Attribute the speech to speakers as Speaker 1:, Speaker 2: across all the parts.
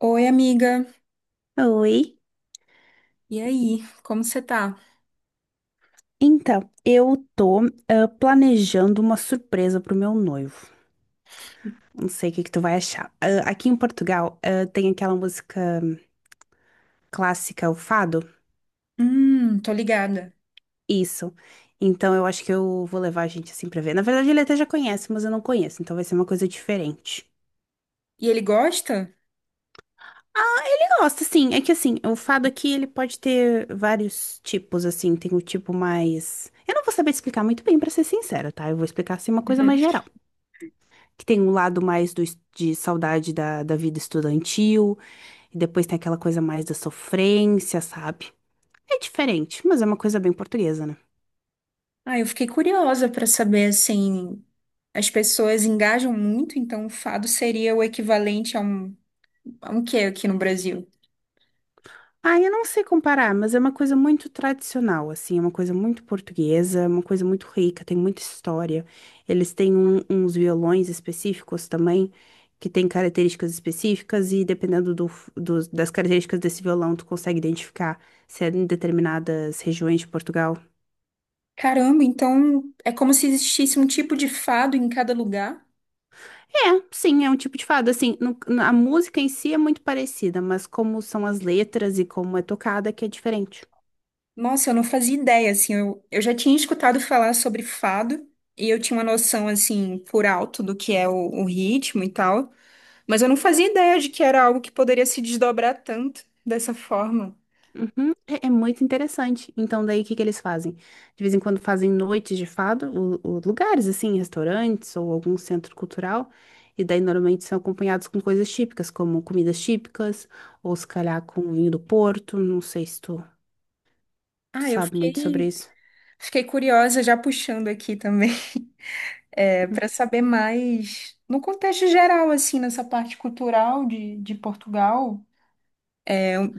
Speaker 1: Oi, amiga.
Speaker 2: Oi.
Speaker 1: E aí, como você tá?
Speaker 2: Então, eu tô planejando uma surpresa pro meu noivo. Não sei o que que tu vai achar. Aqui em Portugal, tem aquela música clássica, o fado.
Speaker 1: Tô ligada.
Speaker 2: Isso. Então, eu acho que eu vou levar a gente assim pra ver. Na verdade, ele até já conhece, mas eu não conheço, então vai ser uma coisa diferente.
Speaker 1: E ele gosta?
Speaker 2: Ele gosta, sim. É que assim, o fado aqui, ele pode ter vários tipos, assim. Tem o tipo mais. Eu não vou saber te explicar muito bem, pra ser sincera, tá? Eu vou explicar assim uma coisa
Speaker 1: Uhum.
Speaker 2: mais geral. Que tem um lado mais do, de saudade da, da vida estudantil, e depois tem aquela coisa mais da sofrência, sabe? É diferente, mas é uma coisa bem portuguesa, né?
Speaker 1: Ah, eu fiquei curiosa pra saber, assim, as pessoas engajam muito, então o fado seria o equivalente a um quê aqui no Brasil?
Speaker 2: Ah, eu não sei comparar, mas é uma coisa muito tradicional, assim, é uma coisa muito portuguesa, é uma coisa muito rica, tem muita história. Eles têm uns violões específicos também, que têm características específicas, e dependendo do, das características desse violão, tu consegue identificar se é em determinadas regiões de Portugal.
Speaker 1: Caramba, então é como se existisse um tipo de fado em cada lugar?
Speaker 2: É, sim, é um tipo de fado. Assim, a música em si é muito parecida, mas como são as letras e como é tocada que é diferente.
Speaker 1: Nossa, eu não fazia ideia, assim, eu já tinha escutado falar sobre fado, e eu tinha uma noção, assim, por alto do que é o ritmo e tal, mas eu não fazia ideia de que era algo que poderia se desdobrar tanto dessa forma.
Speaker 2: Uhum, é, é muito interessante. Então, daí o que que eles fazem? De vez em quando fazem noites de fado, lugares assim, restaurantes ou algum centro cultural. E daí normalmente são acompanhados com coisas típicas, como comidas típicas, ou se calhar com vinho do Porto. Não sei se tu
Speaker 1: Ah, eu
Speaker 2: sabe muito sobre
Speaker 1: fiquei,
Speaker 2: isso.
Speaker 1: Fiquei curiosa, já puxando aqui também, é, para saber mais no contexto geral, assim, nessa parte cultural de Portugal.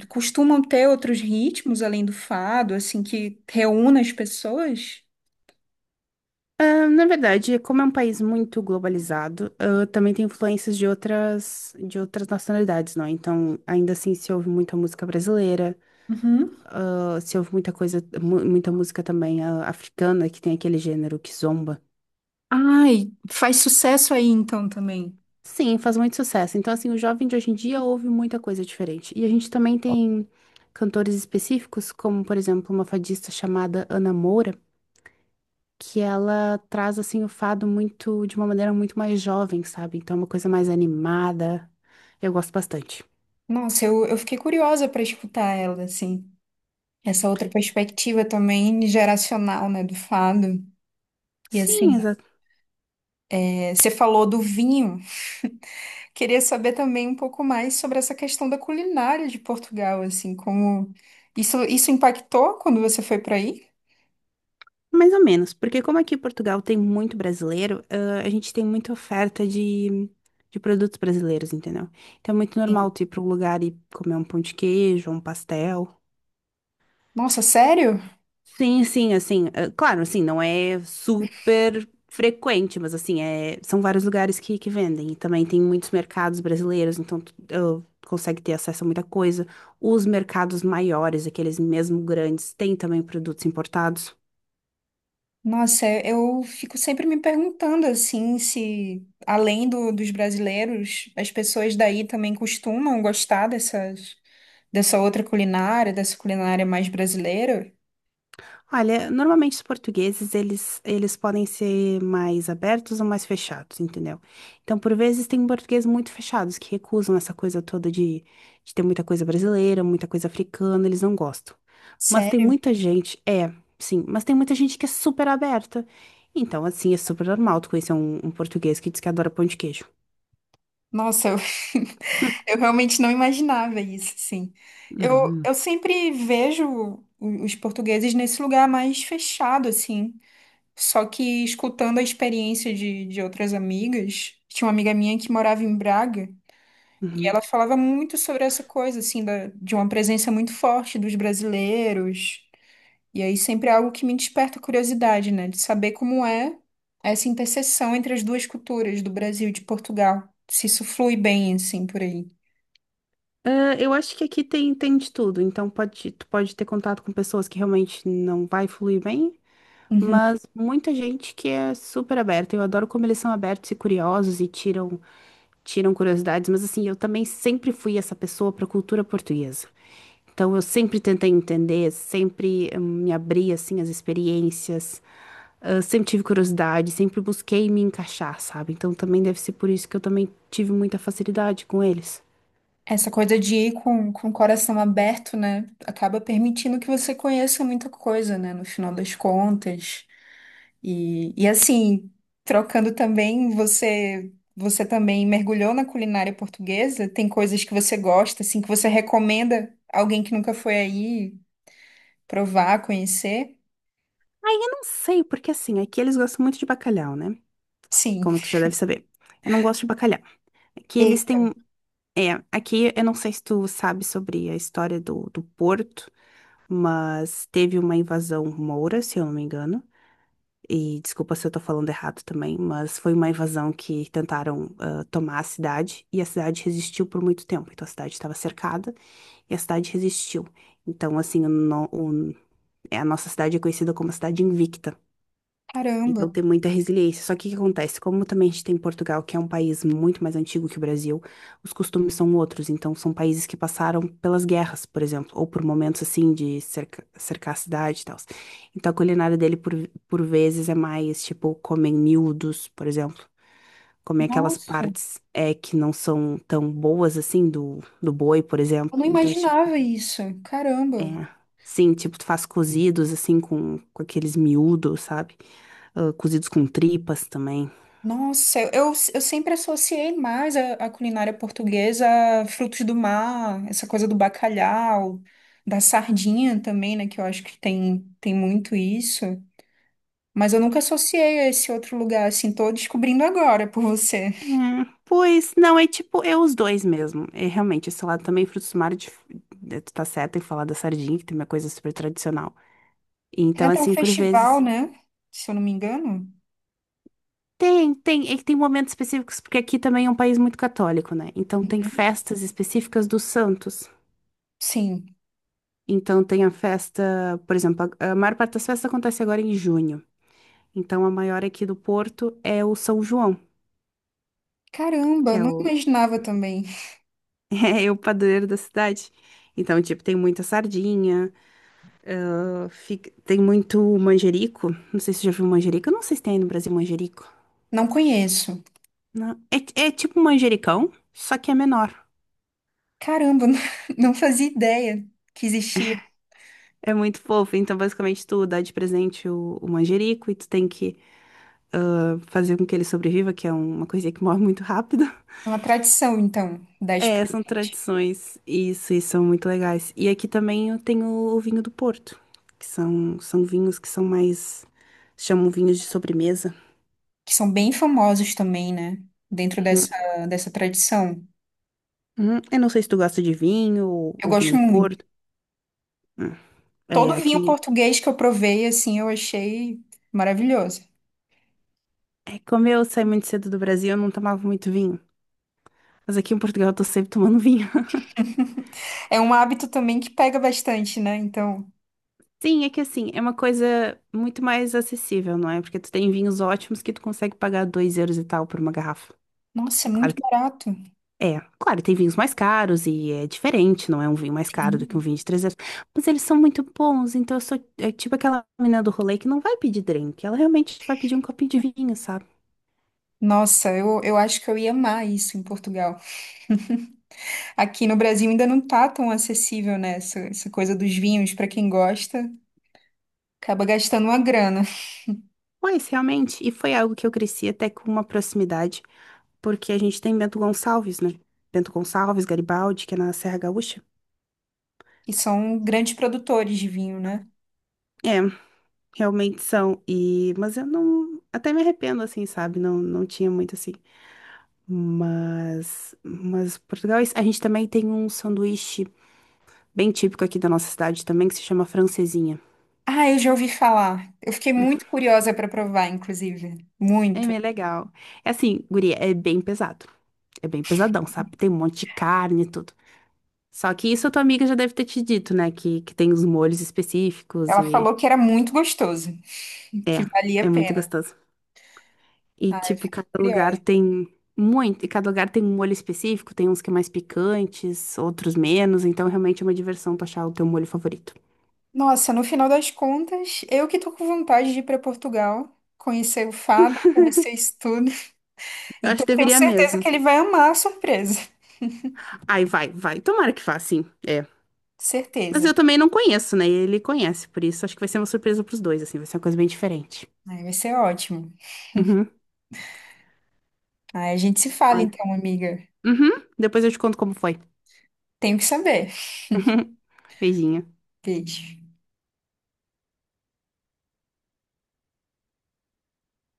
Speaker 1: Costumam ter outros ritmos além do fado, assim, que reúna as pessoas?
Speaker 2: Ah, na verdade, como é um país muito globalizado, também tem influências de outras nacionalidades, não? É? Então, ainda assim, se ouve muita música brasileira,
Speaker 1: Uhum.
Speaker 2: se ouve muita coisa, muita música também africana, que tem aquele gênero que zomba.
Speaker 1: Ai, faz sucesso aí então também.
Speaker 2: Sim, faz muito sucesso. Então, assim, o jovem de hoje em dia ouve muita coisa diferente. E a gente também tem cantores específicos, como, por exemplo, uma fadista chamada Ana Moura, que ela traz assim o fado muito de uma maneira muito mais jovem, sabe? Então é uma coisa mais animada. Eu gosto bastante.
Speaker 1: Nossa, eu fiquei curiosa para escutar ela, assim. Essa outra perspectiva também geracional, né, do fado. E assim,
Speaker 2: Sim, exa-
Speaker 1: é, você falou do vinho. Queria saber também um pouco mais sobre essa questão da culinária de Portugal, assim, como isso impactou quando você foi para aí?
Speaker 2: Mais ou menos, porque como aqui em Portugal tem muito brasileiro, a gente tem muita oferta de produtos brasileiros, entendeu? Então é muito normal tu ir para um lugar e comer um pão de queijo, um pastel.
Speaker 1: Nossa, sério?
Speaker 2: Sim, sim, assim, claro, assim, não é super frequente, mas assim, é, são vários lugares que vendem. E também tem muitos mercados brasileiros, então consegue ter acesso a muita coisa. Os mercados maiores, aqueles mesmo grandes, têm também produtos importados.
Speaker 1: Nossa, é- eu fico sempre me perguntando assim se além do- dos brasileiros, as pessoas daí também costumam gostar dessas, dessa outra culinária, dessa culinária mais brasileira.
Speaker 2: Olha, normalmente os portugueses, eles podem ser mais abertos ou mais fechados, entendeu? Então, por vezes, tem portugueses muito fechados que recusam essa coisa toda de ter muita coisa brasileira, muita coisa africana, eles não gostam. Mas tem
Speaker 1: Sério?
Speaker 2: muita gente, é, sim, mas tem muita gente que é super aberta. Então, assim, é super normal tu conhecer um, um português que diz que adora pão de queijo.
Speaker 1: Nossa, eu, eu realmente não imaginava isso, sim. Eu,
Speaker 2: Uhum.
Speaker 1: eu sempre vejo os portugueses nesse lugar mais fechado, assim. Só que escutando a experiência de outras amigas, tinha uma amiga minha que morava em Braga e
Speaker 2: Uhum.
Speaker 1: ela falava muito sobre essa coisa, assim, da, de uma presença muito forte dos brasileiros e aí sempre é algo que me desperta curiosidade, né? De saber como é essa interseção entre as duas culturas do Brasil e de Portugal. Se isso flui bem, assim, por aí.
Speaker 2: Ah, eu acho que aqui tem, tem de tudo, então pode, tu pode ter contato com pessoas que realmente não vai fluir bem.
Speaker 1: Uhum.
Speaker 2: Mas muita gente que é super aberta. Eu adoro como eles são abertos e curiosos e tiram, tiram curiosidades. Mas assim, eu também sempre fui essa pessoa para a cultura portuguesa. Então eu sempre tentei entender, sempre me abri assim às experiências. Ah, sempre tive curiosidade, sempre busquei me encaixar, sabe? Então também deve ser por isso que eu também tive muita facilidade com eles.
Speaker 1: Essa coisa de ir com o coração aberto, né? Acaba permitindo que você conheça muita coisa, né? No final das contas. E assim, trocando também, você. Você também mergulhou na culinária portuguesa? Tem coisas que você gosta, assim, que você recomenda alguém que nunca foi aí provar, conhecer?
Speaker 2: Não sei, porque assim, aqui eles gostam muito de bacalhau, né?
Speaker 1: Sim.
Speaker 2: Como tu já deve saber. Eu não gosto de bacalhau. Aqui eles
Speaker 1: E,
Speaker 2: têm. É, aqui eu não sei se tu sabe sobre a história do, do Porto, mas teve uma invasão moura, se eu não me engano. E desculpa se eu tô falando errado também, mas foi uma invasão que tentaram tomar a cidade e a cidade resistiu por muito tempo. Então a cidade estava cercada e a cidade resistiu. Então, assim, o no- o- é, a nossa cidade é conhecida como a cidade invicta.
Speaker 1: caramba,
Speaker 2: Então tem muita resiliência. Só que o que acontece? Como também a gente tem Portugal, que é um país muito mais antigo que o Brasil, os costumes são outros. Então são países que passaram pelas guerras, por exemplo, ou por momentos assim de cercar a cidade e tal. Então a culinária dele por vezes é mais tipo comem miúdos, por exemplo. Comem aquelas
Speaker 1: nossa,
Speaker 2: partes é, que não são tão boas assim do, do boi, por exemplo.
Speaker 1: eu não
Speaker 2: Então, esse tipo
Speaker 1: imaginava isso.
Speaker 2: é,
Speaker 1: Caramba,
Speaker 2: sim, tipo, tu faz cozidos, assim, com aqueles miúdos, sabe? Ah, cozidos com tripas também.
Speaker 1: nossa, eu sempre associei mais a culinária portuguesa a frutos do mar, essa coisa do bacalhau, da sardinha também, né? Que eu acho que tem, tem muito isso. Mas eu nunca associei a esse outro lugar, assim, tô descobrindo agora por você.
Speaker 2: É, pois, não, é tipo, é os dois mesmo. É realmente, esse lado também, frutos do mar, de- tu tá certa em falar da sardinha, que tem uma coisa super tradicional.
Speaker 1: Tem
Speaker 2: Então,
Speaker 1: até um
Speaker 2: assim, por
Speaker 1: festival,
Speaker 2: vezes.
Speaker 1: né? Se eu não me engano.
Speaker 2: Tem, tem, é que tem momentos específicos, porque aqui também é um país muito católico, né? Então, tem festas específicas dos santos.
Speaker 1: Sim.
Speaker 2: Então, tem a festa, por exemplo, a maior parte das festas acontece agora em junho. Então, a maior aqui do Porto é o São João,
Speaker 1: Caramba,
Speaker 2: que
Speaker 1: eu
Speaker 2: é
Speaker 1: não
Speaker 2: o,
Speaker 1: imaginava também.
Speaker 2: é o padroeiro da cidade. Então, tipo, tem muita sardinha, fica- tem muito manjerico. Não sei se você já viu manjerico. Eu não sei se tem aí no Brasil manjerico.
Speaker 1: Não conheço.
Speaker 2: Não. É, é tipo um manjericão, só que é menor.
Speaker 1: Caramba, não fazia ideia que existia
Speaker 2: É muito fofo. Então, basicamente, tu dá de presente o manjerico e tu tem que fazer com que ele sobreviva, que é uma coisinha que morre muito rápido.
Speaker 1: uma tradição, então, dar de
Speaker 2: É, são
Speaker 1: presente.
Speaker 2: tradições. Isso, e são muito legais. E aqui também eu tenho o vinho do Porto, que são, são vinhos que são mais. Chamam vinhos de sobremesa.
Speaker 1: Que são bem famosos também, né? Dentro
Speaker 2: Hum,
Speaker 1: dessa, dessa tradição.
Speaker 2: Eu não sei se tu gosta de vinho
Speaker 1: Eu
Speaker 2: ou vinho
Speaker 1: gosto
Speaker 2: do
Speaker 1: muito.
Speaker 2: Porto. Hum. É,
Speaker 1: Todo vinho
Speaker 2: aqui.
Speaker 1: português que eu provei, assim, eu achei maravilhoso.
Speaker 2: É, como eu saí muito cedo do Brasil, eu não tomava muito vinho. Mas aqui em Portugal eu tô sempre tomando vinho.
Speaker 1: É um hábito também que pega bastante, né? Então,
Speaker 2: Sim, é que assim, é uma coisa muito mais acessível, não é? Porque tu tem vinhos ótimos que tu consegue pagar 2 euros e tal por uma garrafa.
Speaker 1: nossa, é
Speaker 2: Claro
Speaker 1: muito
Speaker 2: que
Speaker 1: barato.
Speaker 2: é, claro, tem vinhos mais caros e é diferente, não é um vinho mais caro do que um
Speaker 1: Sim.
Speaker 2: vinho de 300. Mas eles são muito bons, então eu sou é tipo aquela menina do rolê que não vai pedir drink, ela realmente vai pedir um copinho de vinho, sabe?
Speaker 1: Nossa, eu acho que eu ia amar isso em Portugal. Aqui no Brasil ainda não tá tão acessível, né? Essa coisa dos vinhos, para quem gosta. Acaba gastando uma grana.
Speaker 2: Mas realmente, e foi algo que eu cresci até com uma proximidade, porque a gente tem Bento Gonçalves, né? Bento Gonçalves, Garibaldi, que é na Serra Gaúcha.
Speaker 1: E são grandes produtores de vinho, né?
Speaker 2: É, realmente são, e mas eu não, até me arrependo assim, sabe? Não, não tinha muito assim. Mas Portugal, a gente também tem um sanduíche bem típico aqui da nossa cidade também, que se chama francesinha.
Speaker 1: Ah, eu já ouvi falar. Eu fiquei muito curiosa para provar, inclusive.
Speaker 2: É
Speaker 1: Muito.
Speaker 2: bem legal. É assim, guria, é bem pesado. É bem pesadão, sabe? Tem um monte de carne e tudo. Só que isso a tua amiga já deve ter te dito, né? Que tem os molhos específicos
Speaker 1: Ela
Speaker 2: e...
Speaker 1: falou que era muito gostoso,
Speaker 2: É,
Speaker 1: que valia a
Speaker 2: é muito
Speaker 1: pena.
Speaker 2: gostoso. E,
Speaker 1: Ah, eu
Speaker 2: tipo,
Speaker 1: fiquei
Speaker 2: cada lugar
Speaker 1: curiosa.
Speaker 2: tem muito... E cada lugar tem um molho específico. Tem uns que é mais picantes, outros menos. Então, realmente é uma diversão tu achar o teu molho favorito.
Speaker 1: Nossa, no final das contas, eu que tô com vontade de ir para Portugal, conhecer o Fábio, conhecer isso tudo.
Speaker 2: Eu acho
Speaker 1: Então,
Speaker 2: que
Speaker 1: eu tenho
Speaker 2: deveria
Speaker 1: certeza
Speaker 2: mesmo.
Speaker 1: que ele vai amar a surpresa.
Speaker 2: Ai, vai, vai. Tomara que vá, sim. É, mas
Speaker 1: Certeza.
Speaker 2: eu também não conheço, né? Ele conhece, por isso acho que vai ser uma surpresa pros dois, assim, vai ser uma coisa bem diferente.
Speaker 1: Aí vai ser ótimo.
Speaker 2: Uhum,
Speaker 1: Aí a gente se fala
Speaker 2: olha.
Speaker 1: então, amiga.
Speaker 2: Uhum, depois eu te conto como foi.
Speaker 1: Tenho que saber.
Speaker 2: Beijinho.
Speaker 1: Beijo.